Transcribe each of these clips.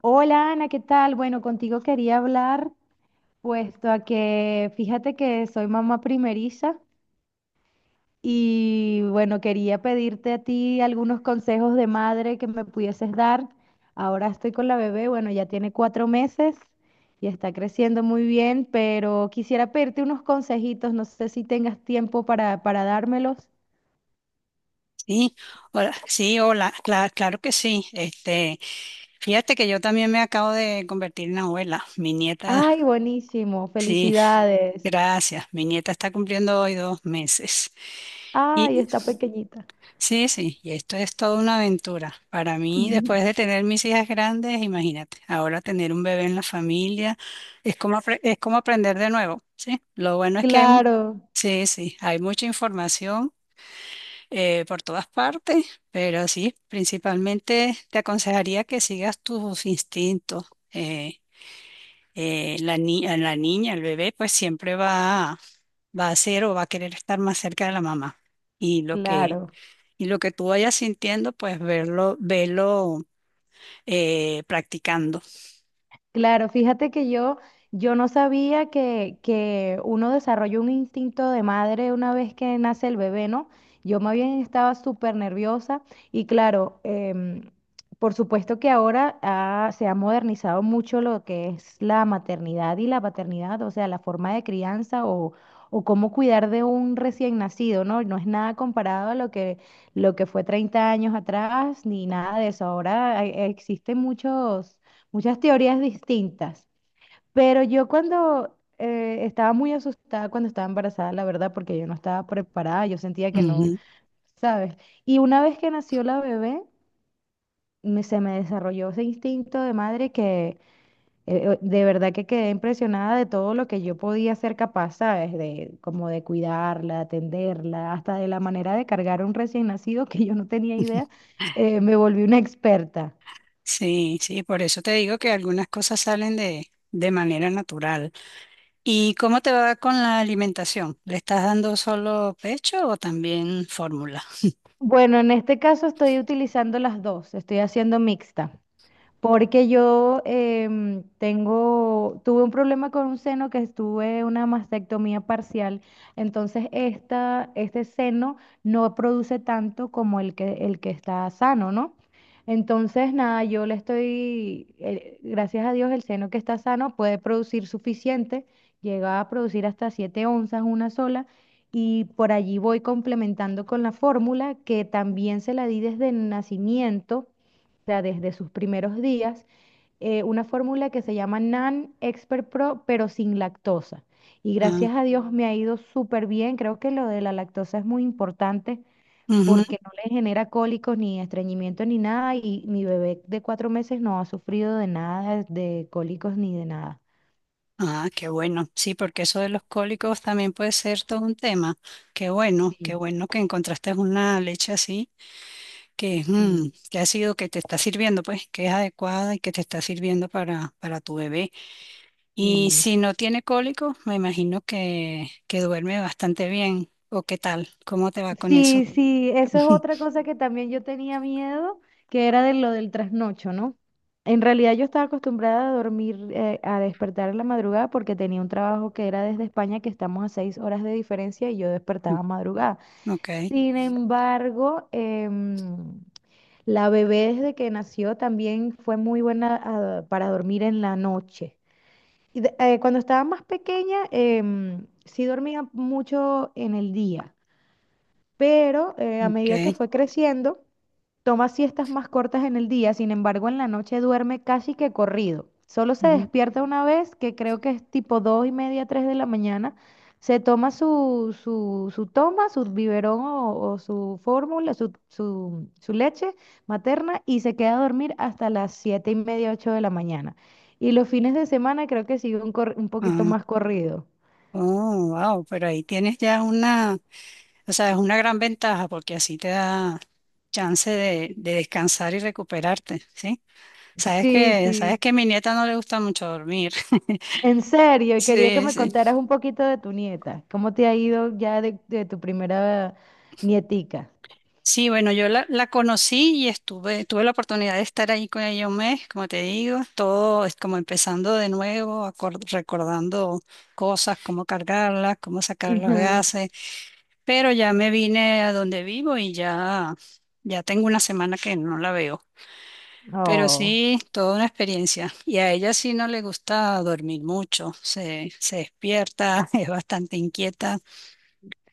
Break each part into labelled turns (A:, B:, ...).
A: Hola Ana, ¿qué tal? Bueno, contigo quería hablar, puesto a que fíjate que soy mamá primeriza y bueno, quería pedirte a ti algunos consejos de madre que me pudieses dar. Ahora estoy con la bebé, bueno, ya tiene cuatro meses y está creciendo muy bien, pero quisiera pedirte unos consejitos, no sé si tengas tiempo para dármelos.
B: Sí, sí, hola, claro que sí. Fíjate que yo también me acabo de convertir en abuela. Mi nieta,
A: Ay, buenísimo,
B: sí,
A: felicidades.
B: gracias. Mi nieta está cumpliendo hoy 2 meses.
A: Ay,
B: Y
A: está pequeñita.
B: sí, y esto es toda una aventura. Para mí, después de tener mis hijas grandes, imagínate, ahora tener un bebé en la familia es como, es como aprender de nuevo, ¿sí? Lo bueno es que hay,
A: Claro,
B: sí, sí, hay mucha información por todas partes, pero sí, principalmente te aconsejaría que sigas tus instintos. Eh, la ni- A la niña, el bebé, pues va a ser o va a querer estar más cerca de la mamá. Y lo que,
A: claro.
B: y lo que tú vayas sintiendo, pues verlo practicando.
A: Claro, fíjate que yo no sabía que uno desarrolla un instinto de madre una vez que nace el bebé, ¿no? Yo más bien estaba súper nerviosa y claro, por supuesto que ahora se ha modernizado mucho lo que es la maternidad y la paternidad, o sea, la forma de crianza o cómo cuidar de un recién nacido, ¿no? No es nada comparado a lo que fue 30 años atrás ni nada de eso. Ahora existen muchos muchas teorías distintas, pero yo cuando estaba muy asustada cuando estaba embarazada, la verdad, porque yo no estaba preparada, yo sentía que no,
B: Ujú.
A: ¿sabes? Y una vez que nació la bebé, se me desarrolló ese instinto de madre que de verdad que quedé impresionada de todo lo que yo podía ser capaz, ¿sabes? De como de cuidarla, atenderla, hasta de la manera de cargar a un recién nacido que yo no tenía idea, me volví una experta.
B: Sí, sí, por eso te digo que algunas cosas salen de manera natural. ¿Y cómo te va con la alimentación? ¿Le estás dando solo pecho o también fórmula?
A: Bueno, en este caso estoy utilizando las dos, estoy haciendo mixta. Porque yo tuve un problema con un seno que estuve una mastectomía parcial, entonces este seno no produce tanto como el que está sano, ¿no? Entonces, nada, yo le estoy, gracias a Dios, el seno que está sano puede producir suficiente, llega a producir hasta 7 onzas una sola, y por allí voy complementando con la fórmula que también se la di desde el nacimiento sea, desde sus primeros días, una fórmula que se llama NAN Expert Pro, pero sin lactosa. Y
B: Ah,
A: gracias a Dios me ha ido súper bien. Creo que lo de la lactosa es muy importante
B: ujú.
A: porque no le genera cólicos ni estreñimiento ni nada y mi bebé de cuatro meses no ha sufrido de nada, de cólicos ni de nada.
B: Ah, qué bueno. Sí, porque eso de los cólicos también puede ser todo un tema. Qué
A: Sí,
B: bueno que encontraste una leche así que,
A: sí,
B: mm, que ha sido, que te está sirviendo, pues, que es adecuada y que te está sirviendo para tu bebé. Y
A: sí.
B: si no tiene cólicos, me imagino que duerme bastante bien. ¿O qué tal? ¿Cómo te va con
A: Sí,
B: eso?
A: sí, eso es otra cosa que también yo tenía miedo, que era de lo del trasnocho, ¿no? En realidad yo estaba acostumbrada a dormir, a despertar en la madrugada porque tenía un trabajo que era desde España, que estamos a seis horas de diferencia y yo despertaba madrugada.
B: Ok,
A: Sin embargo, la bebé desde que nació también fue muy buena para dormir en la noche. Y cuando estaba más pequeña, sí dormía mucho en el día pero a
B: ok.
A: medida que fue creciendo, toma siestas más cortas en el día, sin embargo, en la noche duerme casi que corrido. Solo se despierta una vez, que creo que es tipo dos y media, tres de la mañana. Se toma su toma, su biberón o su fórmula, su leche materna y se queda a dormir hasta las siete y media, ocho de la mañana. Y los fines de semana creo que sigue un, un poquito
B: Ah,
A: más corrido.
B: oh, wow, pero ahí tienes ya o sea, es una gran ventaja porque así te da chance de descansar y recuperarte, ¿sí?
A: Sí, sí.
B: Sabes que a mi nieta no le gusta mucho dormir.
A: En serio, y quería que
B: Sí,
A: me
B: sí.
A: contaras un poquito de tu nieta. ¿Cómo te ha ido ya de tu primera nietica?
B: Sí, bueno, la conocí y tuve la oportunidad de estar ahí con ella un mes, como te digo, todo es como empezando de nuevo, recordando cosas, cómo cargarlas, cómo sacar los
A: Ujú.
B: gases. Pero ya me vine a donde vivo y ya tengo una semana que no la veo. Pero
A: Oh,
B: sí, toda una experiencia. Y a ella sí no le gusta dormir mucho, se despierta, es bastante inquieta.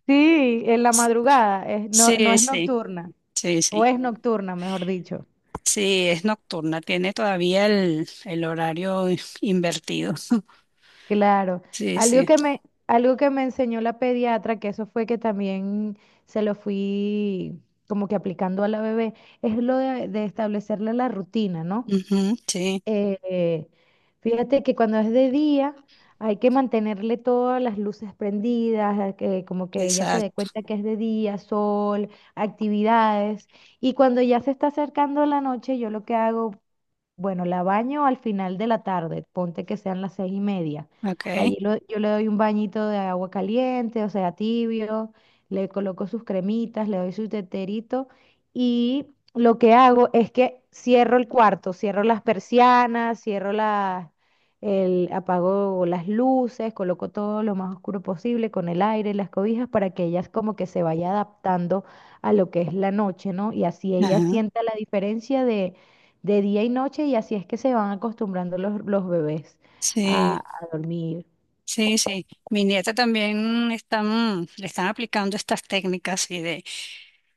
A: sí, en la
B: S-
A: madrugada, no, no
B: Sí,
A: es
B: sí,
A: nocturna,
B: sí,
A: o
B: sí.
A: es nocturna, mejor dicho.
B: Sí, es nocturna, tiene todavía el horario invertido.
A: Claro.
B: Sí, sí.
A: Algo que me enseñó la pediatra, que eso fue que también se lo fui como que aplicando a la bebé, es lo de establecerle la rutina, ¿no?
B: Ujú, sí,
A: Eh, fíjate que cuando es de día hay que mantenerle todas las luces prendidas, a que como que ella se dé
B: exacto.
A: cuenta que es de día, sol, actividades. Y cuando ya se está acercando la noche, yo lo que hago bueno, la baño al final de la tarde, ponte que sean las seis y media.
B: Ok.
A: Allí yo le doy un bañito de agua caliente, o sea, tibio, le coloco sus cremitas, le doy su teterito y lo que hago es que cierro el cuarto, cierro las persianas, cierro las, el, apago las luces, coloco todo lo más oscuro posible con el aire, las cobijas para que ellas como que se vaya adaptando a lo que es la noche, ¿no? Y así ella
B: Ajá.
A: sienta la diferencia de día y noche y así es que se van acostumbrando los bebés
B: Sí.
A: a dormir.
B: Sí, sí. Mi nieta también están, le están aplicando estas técnicas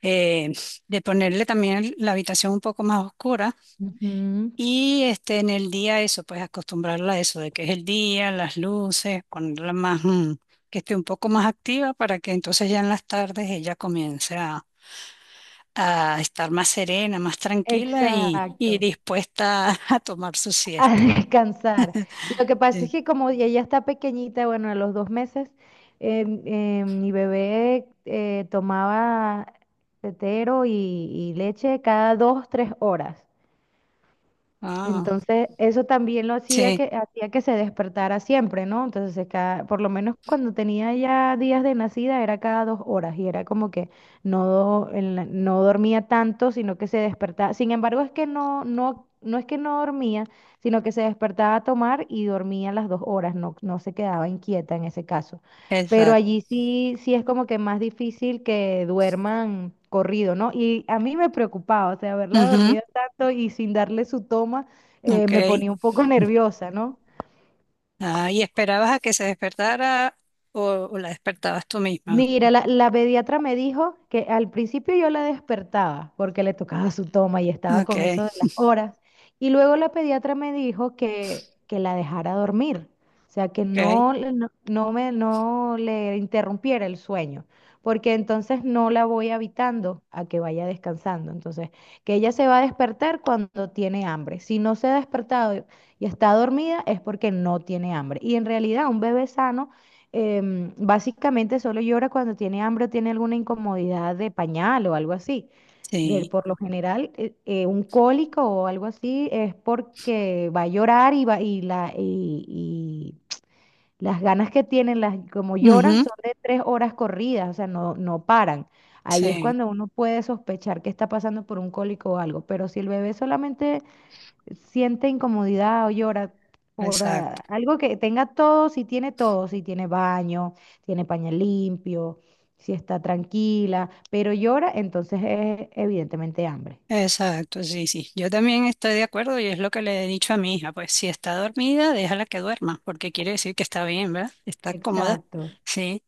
B: eh, de la habitación un poco más oscura
A: Ujú.
B: y en el día eso, pues acostumbrarla a eso, de que es el día, las luces, que esté un poco más activa para que entonces ya en las tardes ella comience a estar más serena, más tranquila y
A: Exacto,
B: dispuesta a tomar su
A: a
B: siesta.
A: descansar. Lo que pasa es
B: Sí.
A: que como ella ya está pequeñita, bueno, a los dos meses, mi bebé tomaba tetero y leche cada dos, tres horas.
B: Ah,
A: Entonces, eso también
B: sí,
A: hacía que se despertara siempre, ¿no? Entonces, cada, por lo menos cuando tenía ya días de nacida, era cada dos horas y era como que no, no dormía tanto, sino que se despertaba. Sin embargo, es que no es que no dormía, sino que se despertaba a tomar y dormía las dos horas, no se quedaba inquieta en ese caso. Pero
B: exacto.
A: allí sí, sí es como que más difícil que duerman corrido, ¿no? Y a mí me preocupaba, o sea, haberla
B: Ujú,
A: dormido tanto y sin darle su toma
B: ok.
A: me ponía un poco nerviosa, ¿no?
B: Ah, ¿y esperabas a que se despertara o, o la despertabas tú misma?
A: Mira, la pediatra me dijo que al principio yo la despertaba porque le tocaba su toma y estaba
B: Ok,
A: con eso de las horas. Y luego la pediatra me dijo que la dejara dormir, o sea, que
B: ok,
A: no, no le interrumpiera el sueño, porque entonces no la voy habitando a que vaya descansando. Entonces, que ella se va a despertar cuando tiene hambre. Si no se ha despertado y está dormida es porque no tiene hambre. Y en realidad un bebé sano básicamente solo llora cuando tiene hambre o tiene alguna incomodidad de pañal o algo así.
B: sí.
A: Por lo general, un cólico o algo así es porque va a llorar y, va, y, la, y las ganas que tienen, las, como lloran,
B: Ujú,
A: son de tres horas corridas, o sea, no paran. Ahí es
B: sí,
A: cuando uno puede sospechar que está pasando por un cólico o algo, pero si el bebé solamente siente incomodidad o llora por
B: exacto,
A: algo que tenga todo, si tiene baño, tiene pañal limpio, si está tranquila, pero llora, entonces es evidentemente hambre.
B: exacto, sí, sí. Yo también estoy de acuerdo y es lo que le he dicho a mi hija. Pues si está dormida, déjala que duerma, porque quiere decir que está bien, ¿verdad? Está cómoda.
A: Exacto.
B: Sí.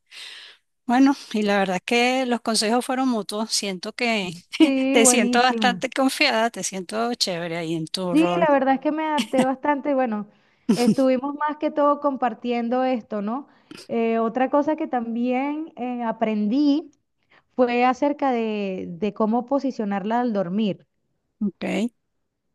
B: Bueno, y la verdad es que los consejos fueron mutuos. Siento que
A: Sí,
B: te siento
A: buenísimo.
B: bastante confiada, te siento chévere ahí en tu
A: Sí,
B: rol.
A: la verdad es que me adapté bastante. Bueno, estuvimos más que todo compartiendo esto, ¿no? Otra cosa que también aprendí fue acerca de cómo posicionarla al dormir.
B: Ok,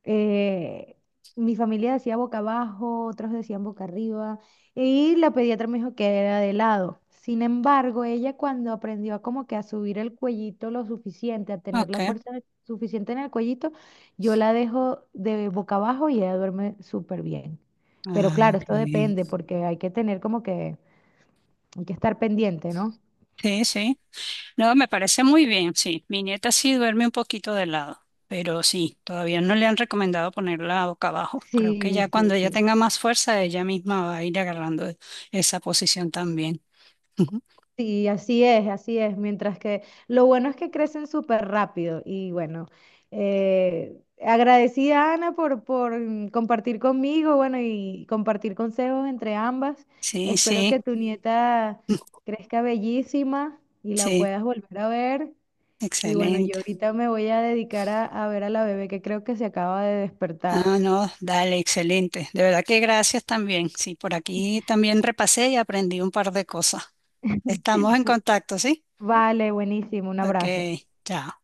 A: Eh, mi familia decía boca abajo, otros decían boca arriba, y la pediatra me dijo que era de lado. Sin embargo, ella cuando aprendió a como que a subir el cuellito lo suficiente, a tener la
B: ok.
A: fuerza suficiente en el cuellito, yo la dejo de boca abajo y ella duerme súper bien. Pero
B: Ah,
A: claro,
B: qué
A: esto
B: bien.
A: depende porque hay que tener como que, hay que estar pendiente, ¿no?
B: Sí, sí. No, me parece muy bien, sí. Mi nieta sí duerme un poquito de lado, pero sí, todavía no le han recomendado ponerla boca abajo. Creo que ya
A: Sí, sí,
B: cuando ella
A: sí.
B: tenga más fuerza, ella misma va a ir agarrando esa posición también. Ujú.
A: Sí, así es, así es. Mientras que lo bueno es que crecen súper rápido. Y bueno, agradecida Ana por compartir conmigo, bueno, y compartir consejos entre ambas.
B: Sí,
A: Espero
B: sí,
A: que tu nieta crezca bellísima y la
B: sí,
A: puedas volver a ver. Y bueno, yo
B: excelente.
A: ahorita me voy a dedicar a ver a la bebé que creo que se acaba de despertar.
B: Ah, no, dale, excelente. De verdad que gracias también. Sí, por aquí también repasé y aprendí un par de cosas. Estamos en contacto, ¿sí?
A: Vale, buenísimo, un
B: Ok,
A: abrazo.
B: chao.